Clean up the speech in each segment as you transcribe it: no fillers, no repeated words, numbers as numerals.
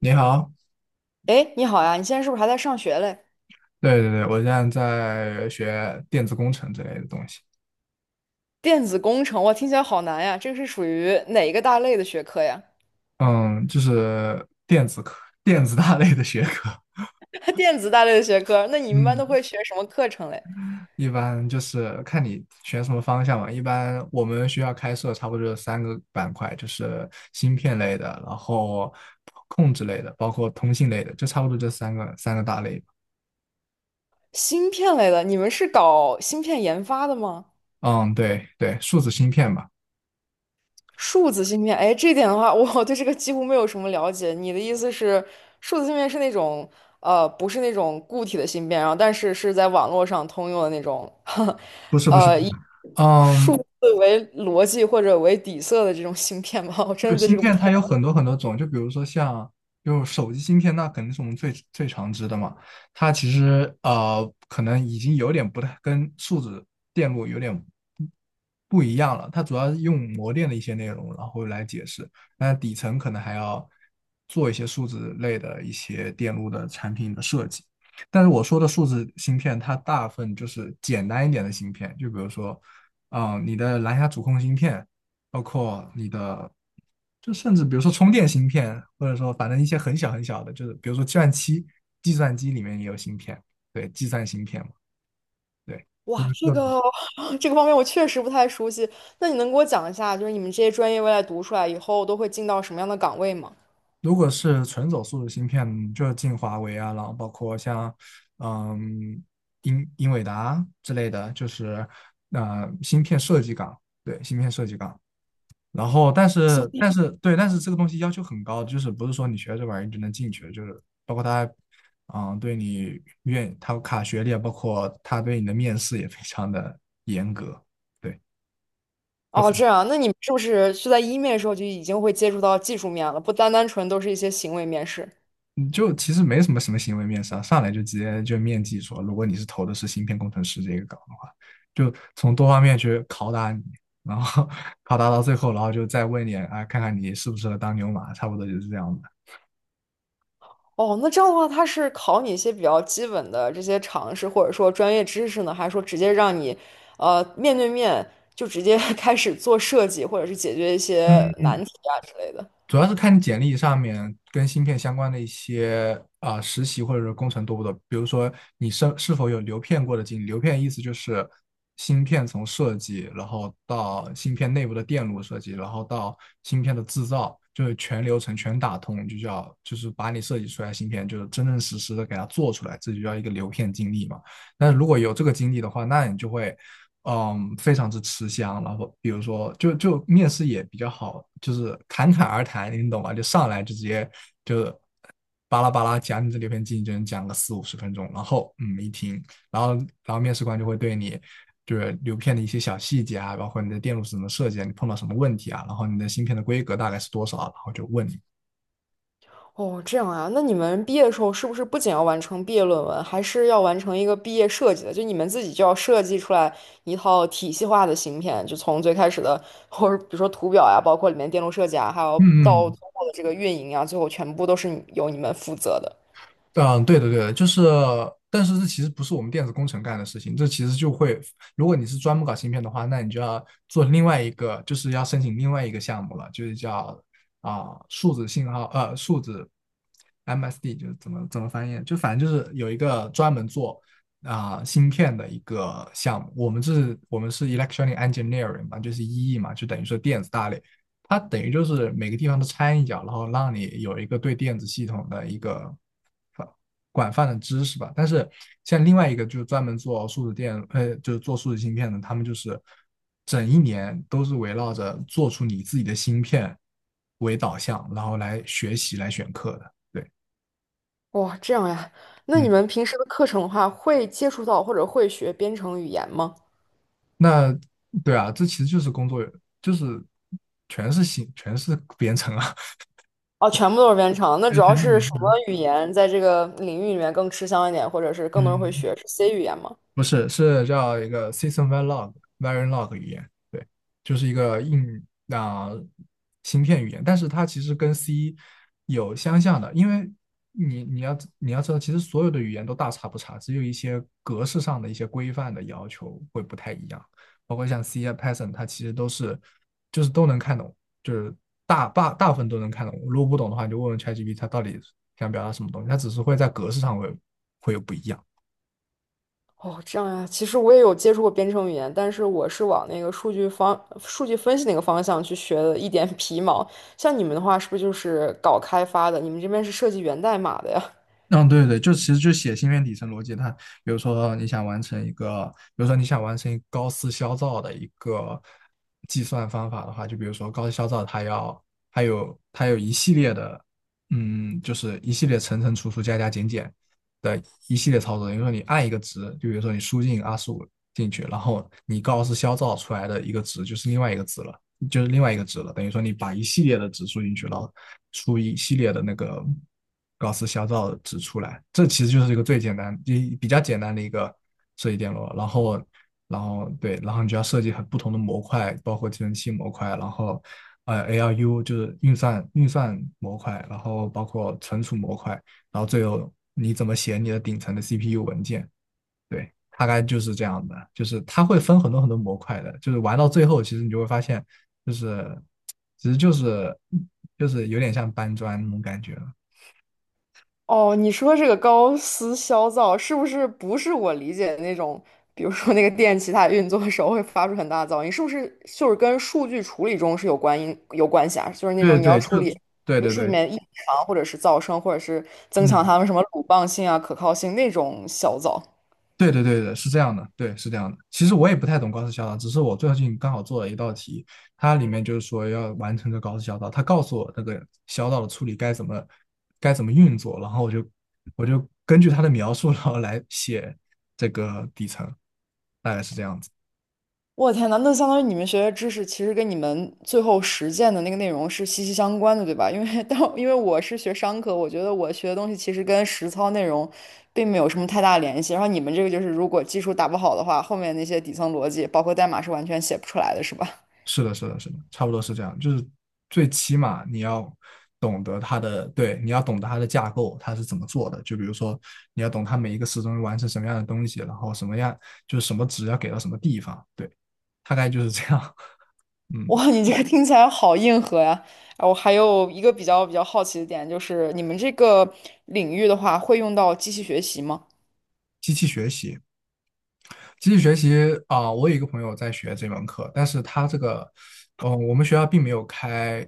你好。哎，你好呀，你现在是不是还在上学嘞？对对对。我现在在学电子工程之类的东西。电子工程，哇，听起来好难呀，这个是属于哪一个大类的学科呀？嗯，就是电子科、电子大类的学科。电子大类的学科，那你们班嗯，都会学什么课程嘞？一般就是看你选什么方向嘛。一般我们学校开设差不多就是三个板块，就是芯片类的，然后控制类的，包括通信类的，就差不多这三个大类吧。芯片类的，你们是搞芯片研发的吗？嗯，对对，数字芯片吧。数字芯片，哎，这一点的话，我对这个几乎没有什么了解。你的意思是，数字芯片是那种，不是那种固体的芯片，然后但是是在网络上通用的那种，不是不是。数嗯，字为逻辑或者为底色的这种芯片吗？我真就的是对芯这个不片太。它有很多很多种，就比如说像就是手机芯片，那肯定是我们最最常知的嘛。它其实可能已经有点不太跟数字电路有点不一样了。它主要是用模电的一些内容，然后来解释。那底层可能还要做一些数字类的一些电路的产品的设计。但是我说的数字芯片，它大部分就是简单一点的芯片，就比如说，你的蓝牙主控芯片，包括你的，就甚至比如说充电芯片，或者说反正一些很小很小的，就是比如说计算机，计算机里面也有芯片。对，计算芯片嘛。对，就哇，是这各种。个 这个方面我确实不太熟悉。那你能给我讲一下，就是你们这些专业未来读出来以后都会进到什么样的岗位吗？如果是纯走速的芯片，就进华为啊，然后包括像嗯英伟达之类的，就是芯片设计岗。对，芯片设计岗。然后，但芯是，片但是，对，但是这个东西要求很高，就是不是说你学这玩意儿就能进去，就是包括他，对你愿他卡学历，啊，包括他对你的面试也非常的严格。对，就哦，很这样，那你们是不是是在一面的时候就已经会接触到技术面了，不单单纯都是一些行为面试？嗯就其实没什么行为面试啊，上来就直接就面基说，如果你是投的是芯片工程师这个岗的话，就从多方面去拷打你，然后 拷打到最后，然后就再问你，啊，看看你适不适合当牛马，差不多就是这样的。哦，那这样的话，他是考你一些比较基本的这些常识，或者说专业知识呢，还是说直接让你，呃，面对面就直接 开始做设计，或者是解决一些嗯难嗯题啊之类的？主要是看你简历上面跟芯片相关的一些啊、实习或者是工程多不多。比如说你是否有流片过的经历？流片意思就是芯片从设计，然后到芯片内部的电路设计，然后到芯片的制造，就是全流程全打通，就是把你设计出来的芯片，就是真真实实的给它做出来，这就叫一个流片经历嘛。那如果有这个经历的话，那你就会非常之吃香。然后比如说，就面试也比较好，就是侃侃而谈，你懂吗？就上来就直接就巴拉巴拉讲你这里边竞争，讲个四五十分钟。然后一听，然后然后面试官就会对你就是流片的一些小细节啊，包括你的电路是怎么设计啊，你碰到什么问题啊，然后你的芯片的规格大概是多少，然后就问你。哦，这样啊，那你们毕业的时候是不是不仅要完成毕业论文，还是要完成一个毕业设计的？就你们自己就要设计出来一套体系化的芯片，就从最开始的，或者比如说图表呀，包括里面电路设计啊，还有嗯到嗯最后的这个运营呀，最后全部都是你由你们负责的。嗯，对的，对的，就是，但是这其实不是我们电子工程干的事情，这其实就会，如果你是专门搞芯片的话，那你就要做另外一个，就是要申请另外一个项目了，就是叫数字信号，数字 MSD，就是怎么翻译，就反正就是有一个专门做芯片的一个项目。我们是 electronic engineering 嘛，就是 EE 嘛，就等于说电子大类。它等于就是每个地方都掺一脚，然后让你有一个对电子系统的一个广泛的知识吧。但是像另外一个就是专门做数字电，就是做数字芯片的，他们就是整一年都是围绕着做出你自己的芯片为导向，然后来学习来选课的。对。哇、这样呀，那你嗯，们平时的课程的话，会接触到或者会学编程语言吗？那对啊，这其实就是工作，就是全是编程啊。哦，全部都是编程，那对，主要全是是编什么程。语言在这个领域里面更吃香一点，或者是更多人会嗯。学，是 C 语言吗？不是，是叫一个 System Verilog 语言。对，就是一个芯片语言，但是它其实跟 C 有相像的，因为你要知道，其实所有的语言都大差不差，只有一些格式上的一些规范的要求会不太一样，包括像 C 啊 Python，它其实都是就是都能看懂，就是大部分都能看懂。如果不懂的话，你就问问 ChatGPT 它到底想表达什么东西，它只是会在格式上会有不一样。哦，这样呀，其实我也有接触过编程语言，但是我是往那个数据方、数据分析那个方向去学的，一点 皮毛。像你们的话，是不是就是搞开发的？你们这边是设计源代码的呀？嗯，对对对，就其实就写芯片底层逻辑。它比如说你想完成一个，比如说你想完成一个高斯消噪的一个计算方法的话，就比如说高斯消噪，它有一系列的，就是一系列层层除除加加减减的一系列操作。比如说你按一个值，就比如说你输进25进去，然后你高斯消噪出来的一个值就是另外一个值了，就是另外一个值了，等于说你把一系列的值输进去，了。出一系列的那个高斯消噪值出来。这其实就是一个最简单、比较简单的一个设计电路。然后对，然后你就要设计很不同的模块，包括计算器模块，然后ALU 就是运算模块，然后包括存储模块，然后最后你怎么写你的顶层的 CPU 文件。对，大概就是这样的，就是它会分很多很多模块的，就是玩到最后，其实你就会发现，就是其实就是有点像搬砖那种感觉了。哦，你说这个高斯消噪，是不是不是我理解的那种？比如说那个电器它运作的时候会发出很大的噪音，是不是就是跟数据处理中是有关因有关系啊？就是那对种你要对，就处理对对数据里对。面异常，或者是噪声，或者是增强嗯。它们什么鲁棒性啊、可靠性那种小噪。对对对对是这样的，对，是这样的。其实我也不太懂高斯小导，只是我最近刚好做了一道题，它里面就是说要完成这个高斯小导，它告诉我那个小导的处理该怎么运作，然后我就根据他的描述，然后来写这个底层，大概是这样子。我天呐，那相当于你们学的知识其实跟你们最后实践的那个内容是息息相关的，对吧？因为当因为我是学商科，我觉得我学的东西其实跟实操内容并没有什么太大联系。然后你们这个就是，如果基础打不好的话，后面那些底层逻辑，包括代码是完全写不出来的，是吧？是的，是的，是的，差不多是这样。就是最起码你要懂得它的，对，你要懂得它的架构，它是怎么做的。就比如说，你要懂它每一个时钟完成什么样的东西，然后什么样就是什么值要给到什么地方，对，大概就是这样。嗯，哇，你这个听起来好硬核呀！啊我还有一个比较好奇的点，就是你们这个领域的话，会用到机器学习吗？机器学习，机器学习我有一个朋友在学这门课，但是他这个，我们学校并没有开，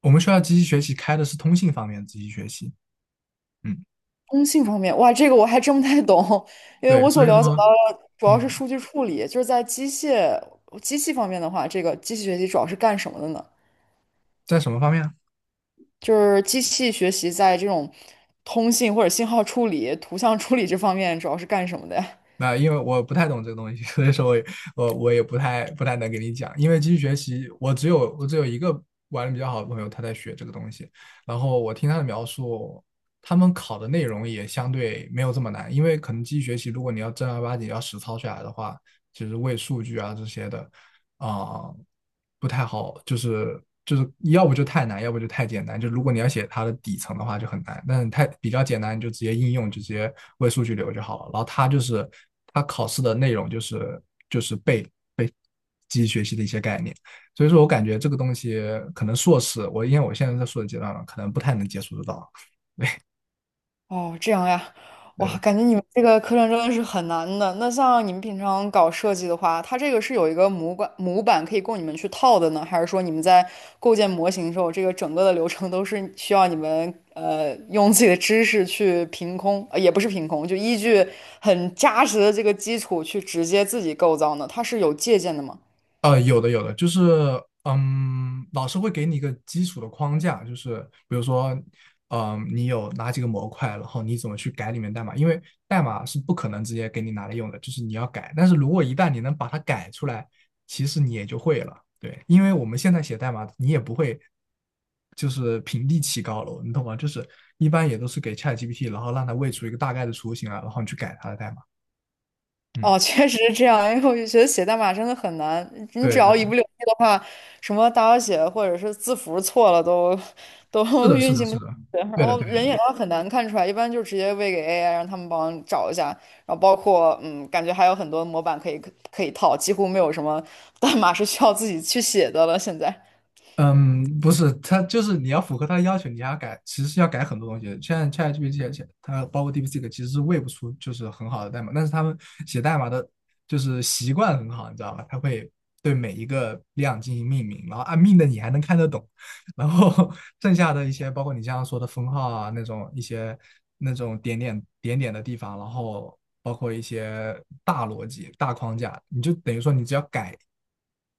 我们学校机器学习开的是通信方面的机器学习。嗯，通信方面，哇，这个我还真不太懂，因为对，我所所以了解到说，的主要是嗯，数据处理，就是在机械机器方面的话，这个机器学习主要是干什么的呢？在什么方面啊？就是机器学习在这种通信或者信号处理、图像处理这方面主要是干什么的呀？那因为我不太懂这个东西，所以说我也不太能给你讲。因为机器学习，我只有一个玩的比较好的朋友，他在学这个东西。然后我听他的描述，他们考的内容也相对没有这么难，因为可能机器学习，如果你要正儿八经要实操下来的话，其实为数据啊这些的，啊、不太好，就是要不就太难，要不就太简单。就如果你要写它的底层的话就很难，但是太比较简单，你就直接应用，就直接为数据流就好了。然后它就是它考试的内容就是背机器学习的一些概念，所以说我感觉这个东西可能硕士，我因为我现在在硕士阶段嘛，可能不太能接触得到。哦，这样呀，哇，对。感觉你们这个课程真的是很难的。那像你们平常搞设计的话，它这个是有一个模板可以供你们去套的呢，还是说你们在构建模型的时候，这个整个的流程都是需要你们用自己的知识去凭空，呃，也不是凭空，就依据很扎实的这个基础去直接自己构造呢？它是有借鉴的吗？有的有的，就是老师会给你一个基础的框架，就是比如说，你有哪几个模块，然后你怎么去改里面代码，因为代码是不可能直接给你拿来用的，就是你要改。但是如果一旦你能把它改出来，其实你也就会了。对，因为我们现在写代码，你也不会就是平地起高楼，你懂吗？就是一般也都是给 ChatGPT，然后让它喂出一个大概的雏形啊，然后你去改它的代码。嗯，哦，确实是这样，因为我就觉得写代码真的很难。你只对对，要一不留意的话，什么大小写或者是字符错了都是都 的，是运的，行不是下的，来。然对的，对的，人对眼上很难看出来，一般就直接喂给 AI，让他们帮你找一下。然后包括嗯，感觉还有很多模板可以套，几乎没有什么代码是需要自己去写的了。现在，嗯，不是，他就是你要符合他的要求，你还要改，其实是要改很多东西的。现在 ChatGPT 它包括 DeepSeek 其实是喂不出就是很好的代码，但是他们写代码的就是习惯很好，你知道吧？他会对每一个量进行命名，然后按命的你还能看得懂，然后 剩下的一些，包括你刚刚说的封号啊，那种一些那种点点点点的地方，然后包括一些大逻辑、大框架，你就等于说你只要改，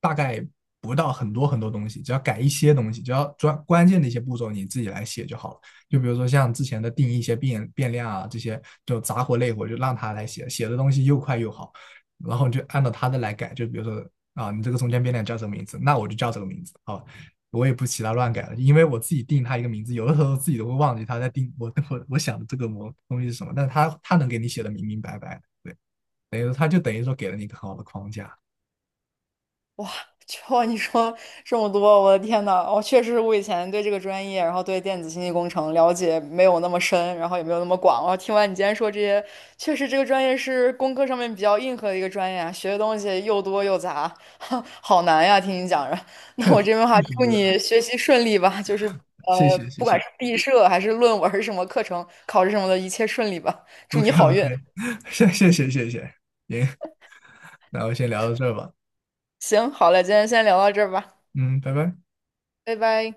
大概不到很多很多东西，只要改一些东西，只要专关键的一些步骤你自己来写就好了。就比如说像之前的定义一些变量啊，这些就杂活累活就让他来写，写的东西又快又好，然后你就按照他的来改，就比如说。啊，你这个中间变量叫什么名字？那我就叫这个名字。好，我也不其他乱改了，因为我自己定他一个名字，有的时候自己都会忘记他在定我想的这个东西是什么，但他能给你写的明明白白的，对，等于说他就等于说给了你一个很好的框架。就 你说这么多，我的天呐，我确实我以前对这个专业，然后对电子信息工程了解没有那么深，然后也没有那么广。我听完你今天说这些，确实这个专业是工科上面比较硬核的一个专业啊，学的东西又多又杂，好难呀！听你讲着，那确我实这边的话，确实。祝你学习顺利吧，就是谢谢谢不管谢是毕设还是论文儿什么课程、考试什么的，一切顺利吧，祝，OK 你好 OK。运。谢谢谢谢谢谢。行，那我先聊到这儿吧。行，好嘞，今天先聊到这儿吧，嗯，拜拜。拜拜。